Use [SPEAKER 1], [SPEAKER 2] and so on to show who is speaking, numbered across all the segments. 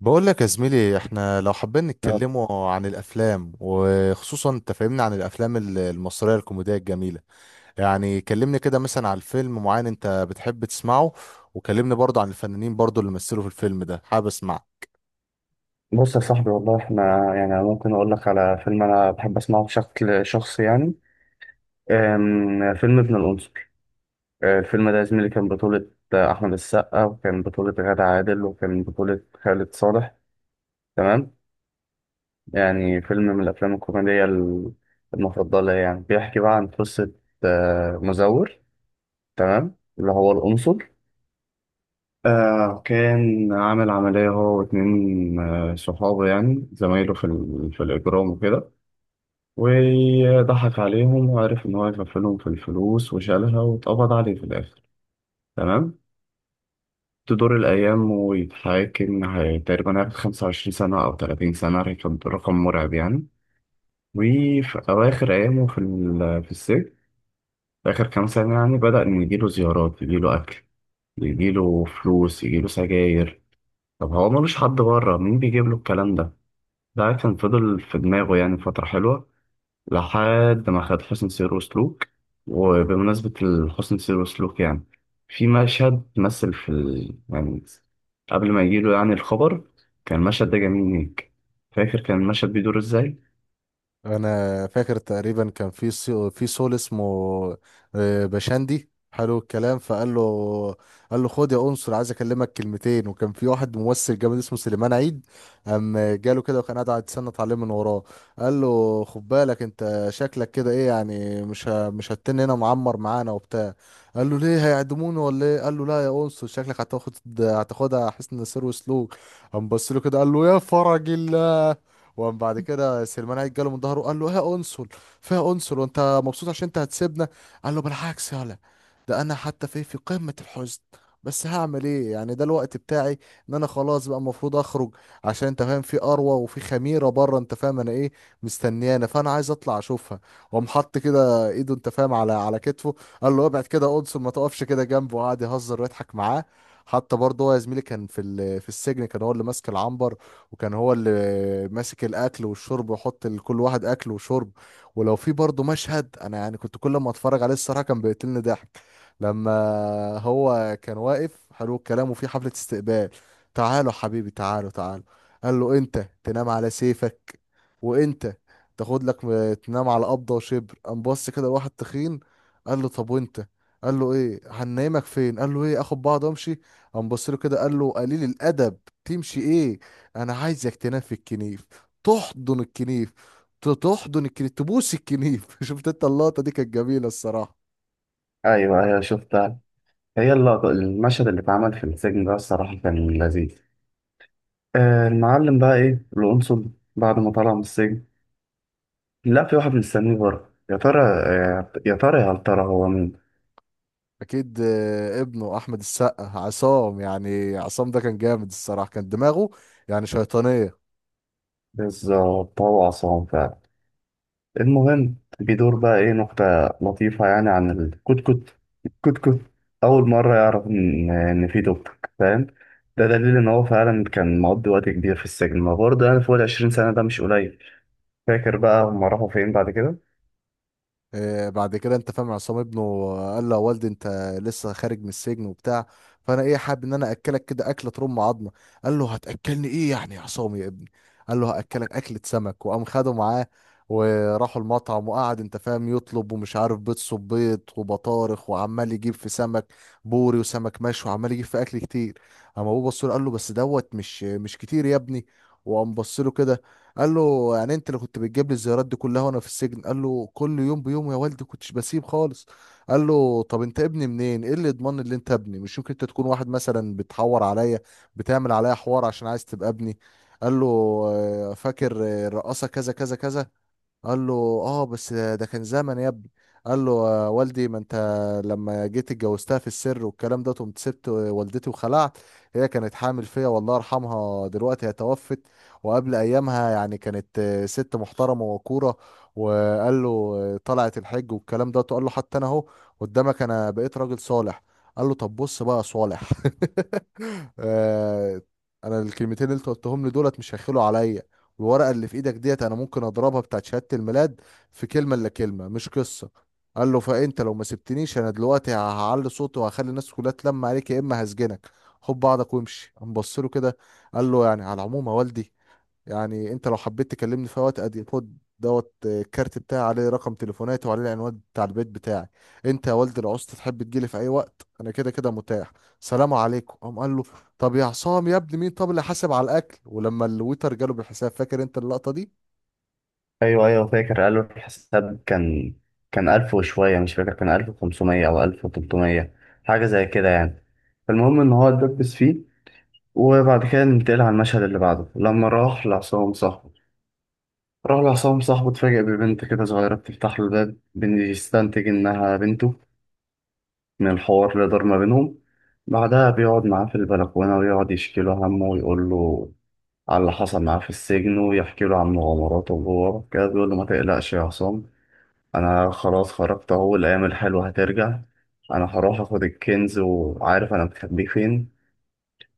[SPEAKER 1] بقول لك يا زميلي، احنا لو حابين نتكلموا عن الافلام، وخصوصا انت فاهمني، عن الافلام المصريه الكوميديه الجميله. يعني كلمني كده مثلا عن فيلم معين انت بتحب تسمعه. وكلمني برضه عن الفنانين، برضه اللي مثلوا في الفيلم ده، حابب اسمع.
[SPEAKER 2] بص يا صاحبي، والله احنا يعني أنا ممكن اقول لك على فيلم انا بحب اسمعه بشكل شخصي يعني. فيلم ابن القنصل. الفيلم ده يا زميلي كان بطولة احمد السقا، وكان بطولة غادة عادل، وكان بطولة خالد صالح. تمام. يعني فيلم من الافلام الكوميدية المفضلة، يعني بيحكي بقى عن قصة مزور. تمام، اللي هو القنصل. كان عامل عملية هو واتنين صحابه، يعني زمايله في الإجرام وكده، وضحك عليهم وعرف إن هو يغفلهم في الفلوس وشالها، واتقبض عليه في الآخر. تمام. تدور الأيام ويتحاكم، تقريبا هياخد 25 سنة أو 30 سنة، رقم مرعب يعني. وفي أواخر أيامه في السجن، في آخر كام سنة، يعني بدأ إن يجيله زيارات، يجيله أكل، يجيله فلوس، يجيله سجاير. طب هو ملوش حد بره، مين بيجيب له الكلام ده؟ ده كان فضل في دماغه يعني فترة حلوة، لحد ما خد حسن سير وسلوك. وبمناسبة الحسن سير وسلوك يعني، في مشهد مثل يعني قبل ما يجيله يعني الخبر، كان المشهد ده جميل ليك. فاكر كان المشهد بيدور ازاي؟
[SPEAKER 1] انا فاكر تقريبا كان في في سول اسمه بشندي. حلو الكلام، فقال له، قال له: خد يا انصر، عايز اكلمك كلمتين. وكان في واحد ممثل جامد اسمه سليمان عيد. قام جاله كده، وكان قاعد يتسنط عليه من وراه. قال له: خد بالك، انت شكلك كده ايه؟ يعني مش هتن هنا، معمر معانا وبتاع. قال له: ليه، هيعدموني ولا ايه؟ قال له: لا يا انصر، شكلك هتاخدها حسن سير وسلوك. قام بص له كده، قال له: يا فرج الله. وقام بعد كده سليمان عيد جاله من ظهره وقال له: يا انصل. فيها انصل وانت مبسوط عشان انت هتسيبنا؟ قال له: بالعكس يالا، ده انا حتى في قمة الحزن. بس هعمل ايه يعني، ده الوقت بتاعي ان انا خلاص بقى المفروض اخرج. عشان انت فاهم، في اروى وفي خميره بره انت فاهم انا ايه، مستنيانا، فانا عايز اطلع اشوفها. وقام حط كده ايده انت فاهم على كتفه. قال له: ابعد كده انصل، ما تقفش كده جنبه. وقعد يهزر ويضحك معاه. حتى برضه هو يا زميلي كان في السجن، كان هو اللي ماسك العنبر. وكان هو اللي ماسك الاكل والشرب، ويحط لكل واحد اكل وشرب. ولو في برضه مشهد انا يعني كنت كل ما اتفرج عليه الصراحه كان بيقتلني ضحك. لما هو كان واقف حلو الكلام، وفي حفله استقبال. تعالوا حبيبي، تعالوا تعالوا. قال له: انت تنام على سيفك، وانت تاخد لك تنام على قبضه وشبر. قام بص كده لواحد تخين، قال له: طب وانت؟ قال له: ايه، هننامك فين؟ قال له: ايه، اخد بعض وامشي. قام بص له كده، قال له: قليل الادب، تمشي ايه؟ انا عايزك تنام في الكنيف، تحضن الكنيف، تحضن الكنيف، تبوس الكنيف. شفت انت اللقطه دي كانت جميله الصراحه.
[SPEAKER 2] ايوه، ايوه، شفتها. هي اللقطة، المشهد اللي اتعمل في السجن ده، الصراحة كان لذيذ. المعلم بقى ايه القنصل بعد ما طلع من السجن؟ لا، في واحد مستنيه بره، يا ترى يا ترى هل ترى هو مين؟
[SPEAKER 1] اكيد. ابنه احمد السقا، عصام. يعني عصام ده كان جامد الصراحه، كان دماغه يعني شيطانيه.
[SPEAKER 2] بالظبط، هو عصام فعلا. المهم، بيدور بقى ايه نكتة لطيفة يعني عن الكتكوت، الكتكوت. أول مرة يعرف إن في توك، فاهم؟ ده دليل إن هو فعلا كان مقضي وقت كبير في السجن، ما برضه يعني فوق العشرين سنة، ده مش قليل. فاكر بقى هما راحوا فين بعد كده؟
[SPEAKER 1] بعد كده انت فاهم عصام ابنه قال له: يا والدي، انت لسه خارج من السجن وبتاع. فانا ايه، حابب ان انا اكلك كده اكله ترم عظمه. قال له: هتاكلني ايه يعني يا عصام يا ابني؟ قال له: هاكلك اكله سمك. وقام خده معاه. وراحوا المطعم، وقعد انت فاهم يطلب، ومش عارف بيض صبيط وبطارخ، وعمال يجيب في سمك بوري وسمك مشوي، وعمال يجيب في اكل كتير. اما ابوه بص له، قال له: بس دوت مش كتير يا ابني. وقام بص له كده، قال له: يعني انت اللي كنت بتجيب لي الزيارات دي كلها وانا في السجن؟ قال له: كل يوم بيوم يا والدي، كنتش بسيب خالص. قال له: طب انت ابني منين؟ ايه اللي يضمن ان انت ابني؟ مش ممكن انت تكون واحد مثلا بتحور عليا، بتعمل عليا حوار عشان عايز تبقى ابني؟ قال له: فاكر الرقاصه كذا كذا كذا. قال له: اه، بس ده كان زمن يا ابني. قال له: آه والدي، ما انت لما جيت اتجوزتها في السر والكلام ده، قمت سبت والدتي وخلعت. هي كانت حامل فيا، والله يرحمها، دلوقتي هي توفت. وقبل ايامها يعني كانت ست محترمه وكوره. وقال له: طلعت الحج والكلام ده. قال له: حتى انا اهو قدامك، انا بقيت راجل صالح. قال له: طب بص بقى يا صالح. آه، انا الكلمتين اللي انت قلتهم لي دولت مش هيخلوا عليا. الورقه اللي في ايدك ديت انا ممكن اضربها، بتاعت شهاده الميلاد. في كلمه الا كلمه، مش قصه. قال له: فانت لو ما سبتنيش انا دلوقتي هعلي صوتي وهخلي الناس كلها تلم عليك، يا اما هسجنك. خد بعضك وامشي. قام بص له كده، قال له: يعني على العموم يا والدي، يعني انت لو حبيت تكلمني في وقت ادي خد دوت الكارت بتاعي، عليه رقم تليفوناتي وعليه العنوان بتاع البيت بتاعي. انت يا والد العسل، تحب تجيلي في اي وقت انا كده كده متاح. سلام عليكم. قام قال له: طب يا عصام يا ابني، مين طب اللي حاسب على الاكل؟ ولما الويتر جاله بالحساب، فاكر انت اللقطة دي؟
[SPEAKER 2] أيوه، أيوه، فاكر. قالوا الحساب كان ألف وشوية، مش فاكر، كان 1500 أو 1300، حاجة زي كده يعني. فالمهم إن هو اتدبس فيه. وبعد كده ننتقل على المشهد اللي بعده، لما راح لعصام صاحبه. راح لعصام صاحبه، اتفاجئ ببنت كده صغيرة بتفتح له الباب، بيستنتج إنها بنته من الحوار اللي دار ما بينهم. بعدها بيقعد معاه في البلكونة ويقعد يشكي له همه، ويقول له على اللي حصل معاه في السجن، ويحكي له عن مغامراته جوه كده. بيقول له: ما تقلقش يا عصام، أنا خلاص خرجت أهو، الأيام الحلوة هترجع، أنا هروح آخد الكنز وعارف أنا مخبيه فين.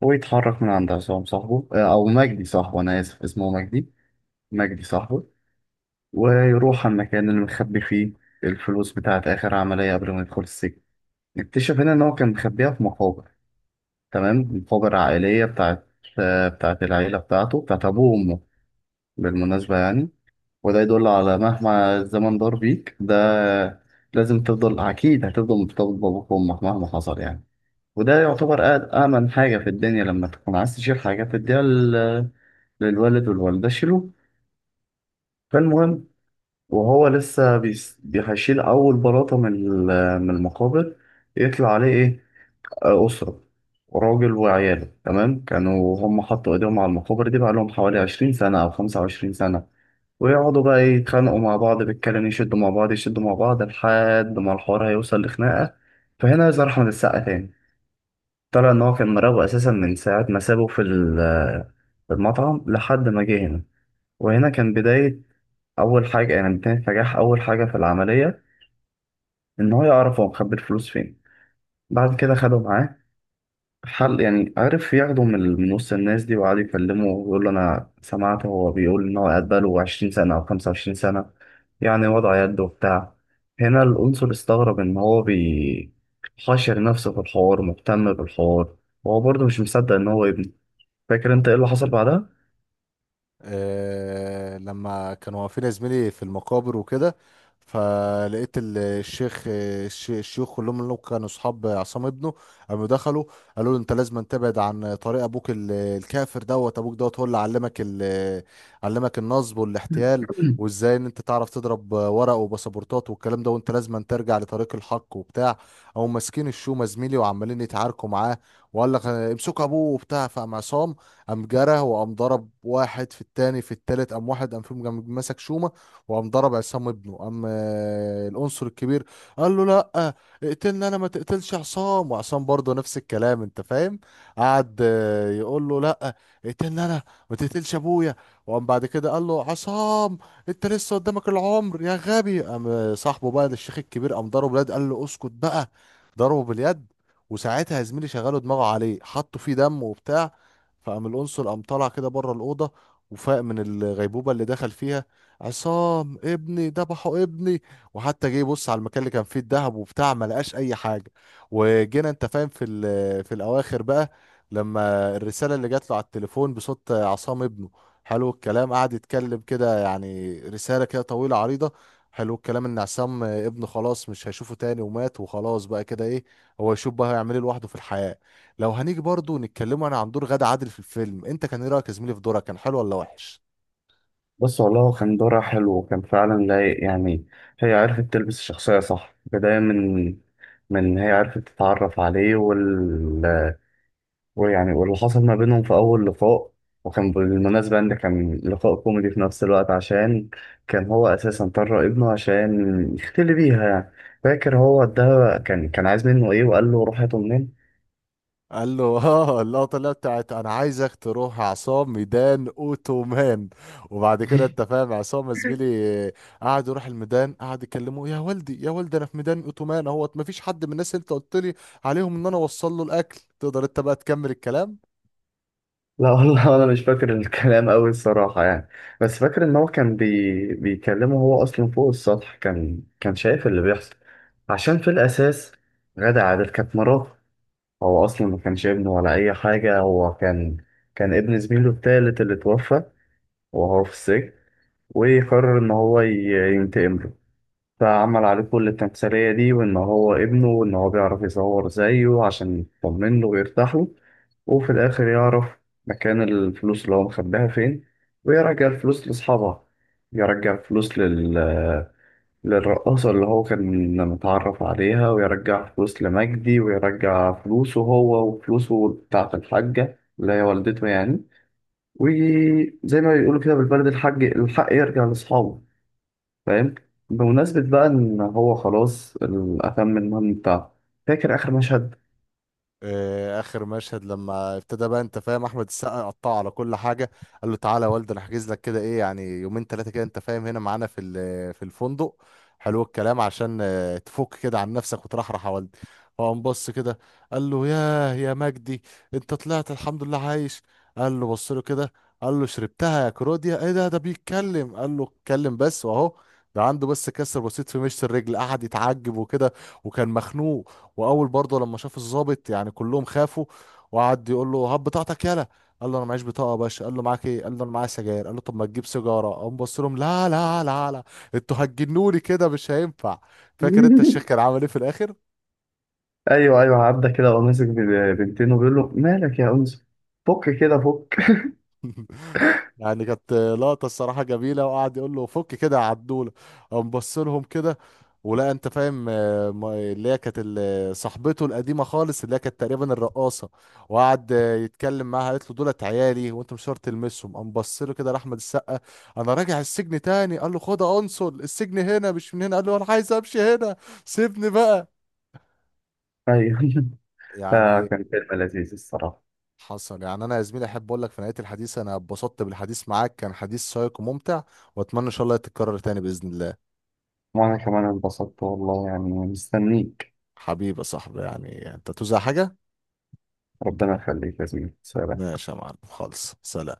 [SPEAKER 2] ويتحرك من عند عصام صاحبه، أو مجدي صاحبه، أنا آسف اسمه مجدي. مجدي صاحبه. ويروح على المكان اللي مخبي فيه الفلوس، بتاعت آخر عملية قبل ما يدخل السجن. نكتشف هنا إن هو كان مخبيها في مقابر، تمام، مقابر عائلية، بتاعت بتاعت العيلة بتاعته، بتاعت أبوه وأمه، بالمناسبة يعني. وده يدل على، مهما الزمن دار بيك، ده لازم تفضل، أكيد هتفضل مرتبط بأبوك وأمك مهما حصل يعني. وده يعتبر أأمن حاجة في الدنيا لما تكون عايز تشيل حاجة تديها للوالد والوالدة، شيلوه. فالمهم، وهو لسه هيشيل أول بلاطة من المقابر، يطلع عليه إيه، أسرة، راجل وعياله. تمام. كانوا هم حطوا إيديهم على المقابر دي بقى لهم حوالي 20 سنة أو 25 سنة، ويقعدوا بقى إيه، يتخانقوا مع بعض بالكلام، يشدوا مع بعض، يشدوا مع بعض، لحد ما الحوار هيوصل لخناقة. فهنا يظهر أحمد السقا تاني. طلع إن هو كان مراقبه أساسا من ساعة ما سابه في المطعم لحد ما جه هنا. وهنا كان بداية. اول حاجه يعني كانت نجاح اول حاجه في العمليه، ان هو يعرف هو مخبي الفلوس فين. بعد كده خدوا معاه حل، يعني عرف ياخده من وسط الناس دي، وقعد يكلمه ويقول له: انا سمعت هو بيقول ان هو قاعد بقاله 20 سنه او 25 سنه يعني، وضع يد وبتاع. هنا القنصل استغرب ان هو حاشر نفسه في الحوار، مهتم بالحوار، وهو برضه مش مصدق ان هو ابنه. فاكر انت ايه اللي حصل بعدها؟
[SPEAKER 1] لما كانوا واقفين يا زميلي في المقابر وكده، فلقيت الشيوخ كلهم اللي كانوا اصحاب عصام ابنه، قاموا دخلوا، قالوا له: انت لازم تبعد عن طريق ابوك الكافر دوت، ابوك دوت هو اللي علمك، علمك النصب والاحتيال. وازاي ان انت تعرف تضرب ورق وباسبورتات والكلام ده، وانت لازم ترجع لطريق الحق وبتاع. او ماسكين الشومه زميلي وعمالين يتعاركوا معاه. وقال لك: امسكوا ابوه وبتاع. فقام عصام قام جرى، وقام ضرب واحد في التاني في التالت، قام واحد قام فيهم قام مسك شومة. وقام ضرب عصام ابنه. قام العنصر الكبير قال له: لا، اقتلني انا، ما تقتلش عصام. وعصام برضه نفس الكلام انت فاهم، قعد يقول له: لا، اقتلني انا، ما تقتلش ابويا. وقام بعد كده قال له عصام: انت لسه قدامك العمر يا غبي. قام صاحبه بقى للشيخ الكبير قام ضربه باليد، قال له: اسكت بقى. ضربه باليد. وساعتها يا زميلي شغلوا دماغه عليه، حطوا فيه دم وبتاع. فقام القنصل قام طالع كده بره الأوضة، وفاق من الغيبوبة اللي دخل فيها. عصام ابني، ذبحوا ابني. وحتى جه يبص على المكان اللي كان فيه الذهب وبتاع، ما لقاش أي حاجة. وجينا أنت فاهم في الأواخر بقى، لما الرسالة اللي جات له على التليفون بصوت عصام ابنه. حلو الكلام قعد يتكلم كده يعني، رسالة كده طويلة عريضة. حلو الكلام، ان عصام ابنه خلاص مش هيشوفه تاني ومات وخلاص بقى كده، ايه هو يشوف بقى هيعمل ايه لوحده في الحياة. لو هنيجي برضو نتكلموا انا عن دور غادة عادل في الفيلم، انت كان ايه رايك يا زميلي في دورها، كان حلو ولا وحش؟
[SPEAKER 2] بص، والله هو كان دورها حلو وكان فعلا لايق يعني. هي عرفت تلبس الشخصية صح، بداية من هي عرفت تتعرف عليه، وال، ويعني واللي حصل ما بينهم في أول لقاء. وكان بالمناسبة إن كان لقاء كوميدي في نفس الوقت، عشان كان هو أساسا طلع ابنه عشان يختلي بيها يعني. فاكر هو ده كان عايز منه إيه وقال له روح هاته منين؟
[SPEAKER 1] قال له: اه، اللقطه اللي هي بتاعت انا عايزك تروح عصام ميدان اوتومان. وبعد كده انت فاهم عصام يا زميلي قعد يروح الميدان، قعد يكلمه: يا والدي، يا والدي، انا في ميدان اوتومان اهوت، مفيش حد من الناس اللي انت قلت لي عليهم ان انا اوصل له الاكل. تقدر انت بقى تكمل الكلام؟
[SPEAKER 2] لا والله، انا مش فاكر الكلام قوي الصراحه يعني. بس فاكر ان هو كان بيكلمه. هو اصلا فوق السطح، كان شايف اللي بيحصل، عشان في الاساس غادة عادل كانت مراته. هو اصلا ما كانش ابنه ولا اي حاجه، هو كان ابن زميله التالت اللي توفى وهو في السجن، وقرر ان هو ينتقم له. فعمل عليه كل التمثيلية دي، وإن هو ابنه، وإن هو بيعرف يصور زيه عشان يطمن له ويرتاح له. وفي الآخر يعرف مكان الفلوس اللي هو مخباها فين، ويرجع الفلوس لأصحابها، يرجع الفلوس للرقاصة اللي هو كان متعرف عليها، ويرجع فلوس لمجدي، ويرجع فلوسه هو، وفلوسه بتاعة الحاجة اللي هي والدته يعني. وزي ما بيقولوا كده بالبلد، الحاج الحق يرجع لأصحابه، فاهم؟ بمناسبة بقى إن هو خلاص أتم المهم بتاعه، فاكر آخر مشهد؟
[SPEAKER 1] اخر مشهد لما ابتدى بقى انت فاهم احمد السقا قطعه على كل حاجه. قال له: تعالى يا والد، انا هحجز لك كده ايه يعني يومين ثلاثه كده انت فاهم، هنا معانا في الفندق. حلو الكلام عشان تفك كده عن نفسك وترحرح يا والد. هو قام بص كده قال له: ياه يا مجدي، انت طلعت الحمد لله عايش؟ قال له: بص له كده. قال له: شربتها يا كروديا، ايه ده بيتكلم. قال له: اتكلم بس واهو، ده عنده بس كسر بسيط في مشط الرجل. قعد يتعجب وكده. وكان مخنوق. واول برضه لما شاف الضابط يعني كلهم خافوا. وقعد يقول له: هات بطاقتك يالا. قال له: انا معيش بطاقه يا باشا. قال له: معاك ايه؟ قال له: انا معايا سجاير. قال له: طب ما تجيب سيجاره. قام بص لهم: لا لا لا لا، انتوا هتجنوني كده مش هينفع. فاكر انت الشيخ كان عامل ايه في الاخر؟
[SPEAKER 2] أيوه، أيوه، عدى كده وهو ماسك بنتين، وبيقول له مالك يا أنس، فك كده، فك.
[SPEAKER 1] يعني كانت لقطة الصراحة جميلة، وقعد يقول له: فك كده يا عدولة. قام بص لهم كده، ولا انت فاهم اللي هي كانت صاحبته القديمة خالص، اللي هي كانت تقريبا الرقاصة. وقعد يتكلم معاها، قالت له: دولت عيالي وانت مش شرط تلمسهم. قام بص له كده لأحمد السقا: انا راجع السجن تاني. قال له: خد يا انصل، السجن هنا مش من هنا. قال له: انا عايز امشي هنا، سيبني بقى.
[SPEAKER 2] أيوه.
[SPEAKER 1] يعني
[SPEAKER 2] فكان فيلم لذيذ الصراحة.
[SPEAKER 1] حصل. يعني انا يا زميلي احب اقول لك في نهايه الحديث، انا اتبسطت بالحديث معاك، كان حديث شيق وممتع. واتمنى ان شاء الله تتكرر تاني باذن الله.
[SPEAKER 2] وأنا كمان انبسطت والله يعني، مستنيك.
[SPEAKER 1] حبيبي يا صاحبي يعني، انت توزع حاجه.
[SPEAKER 2] ربنا يخليك يا زميلي، سلام.
[SPEAKER 1] ماشي يا معلم، خالص سلام.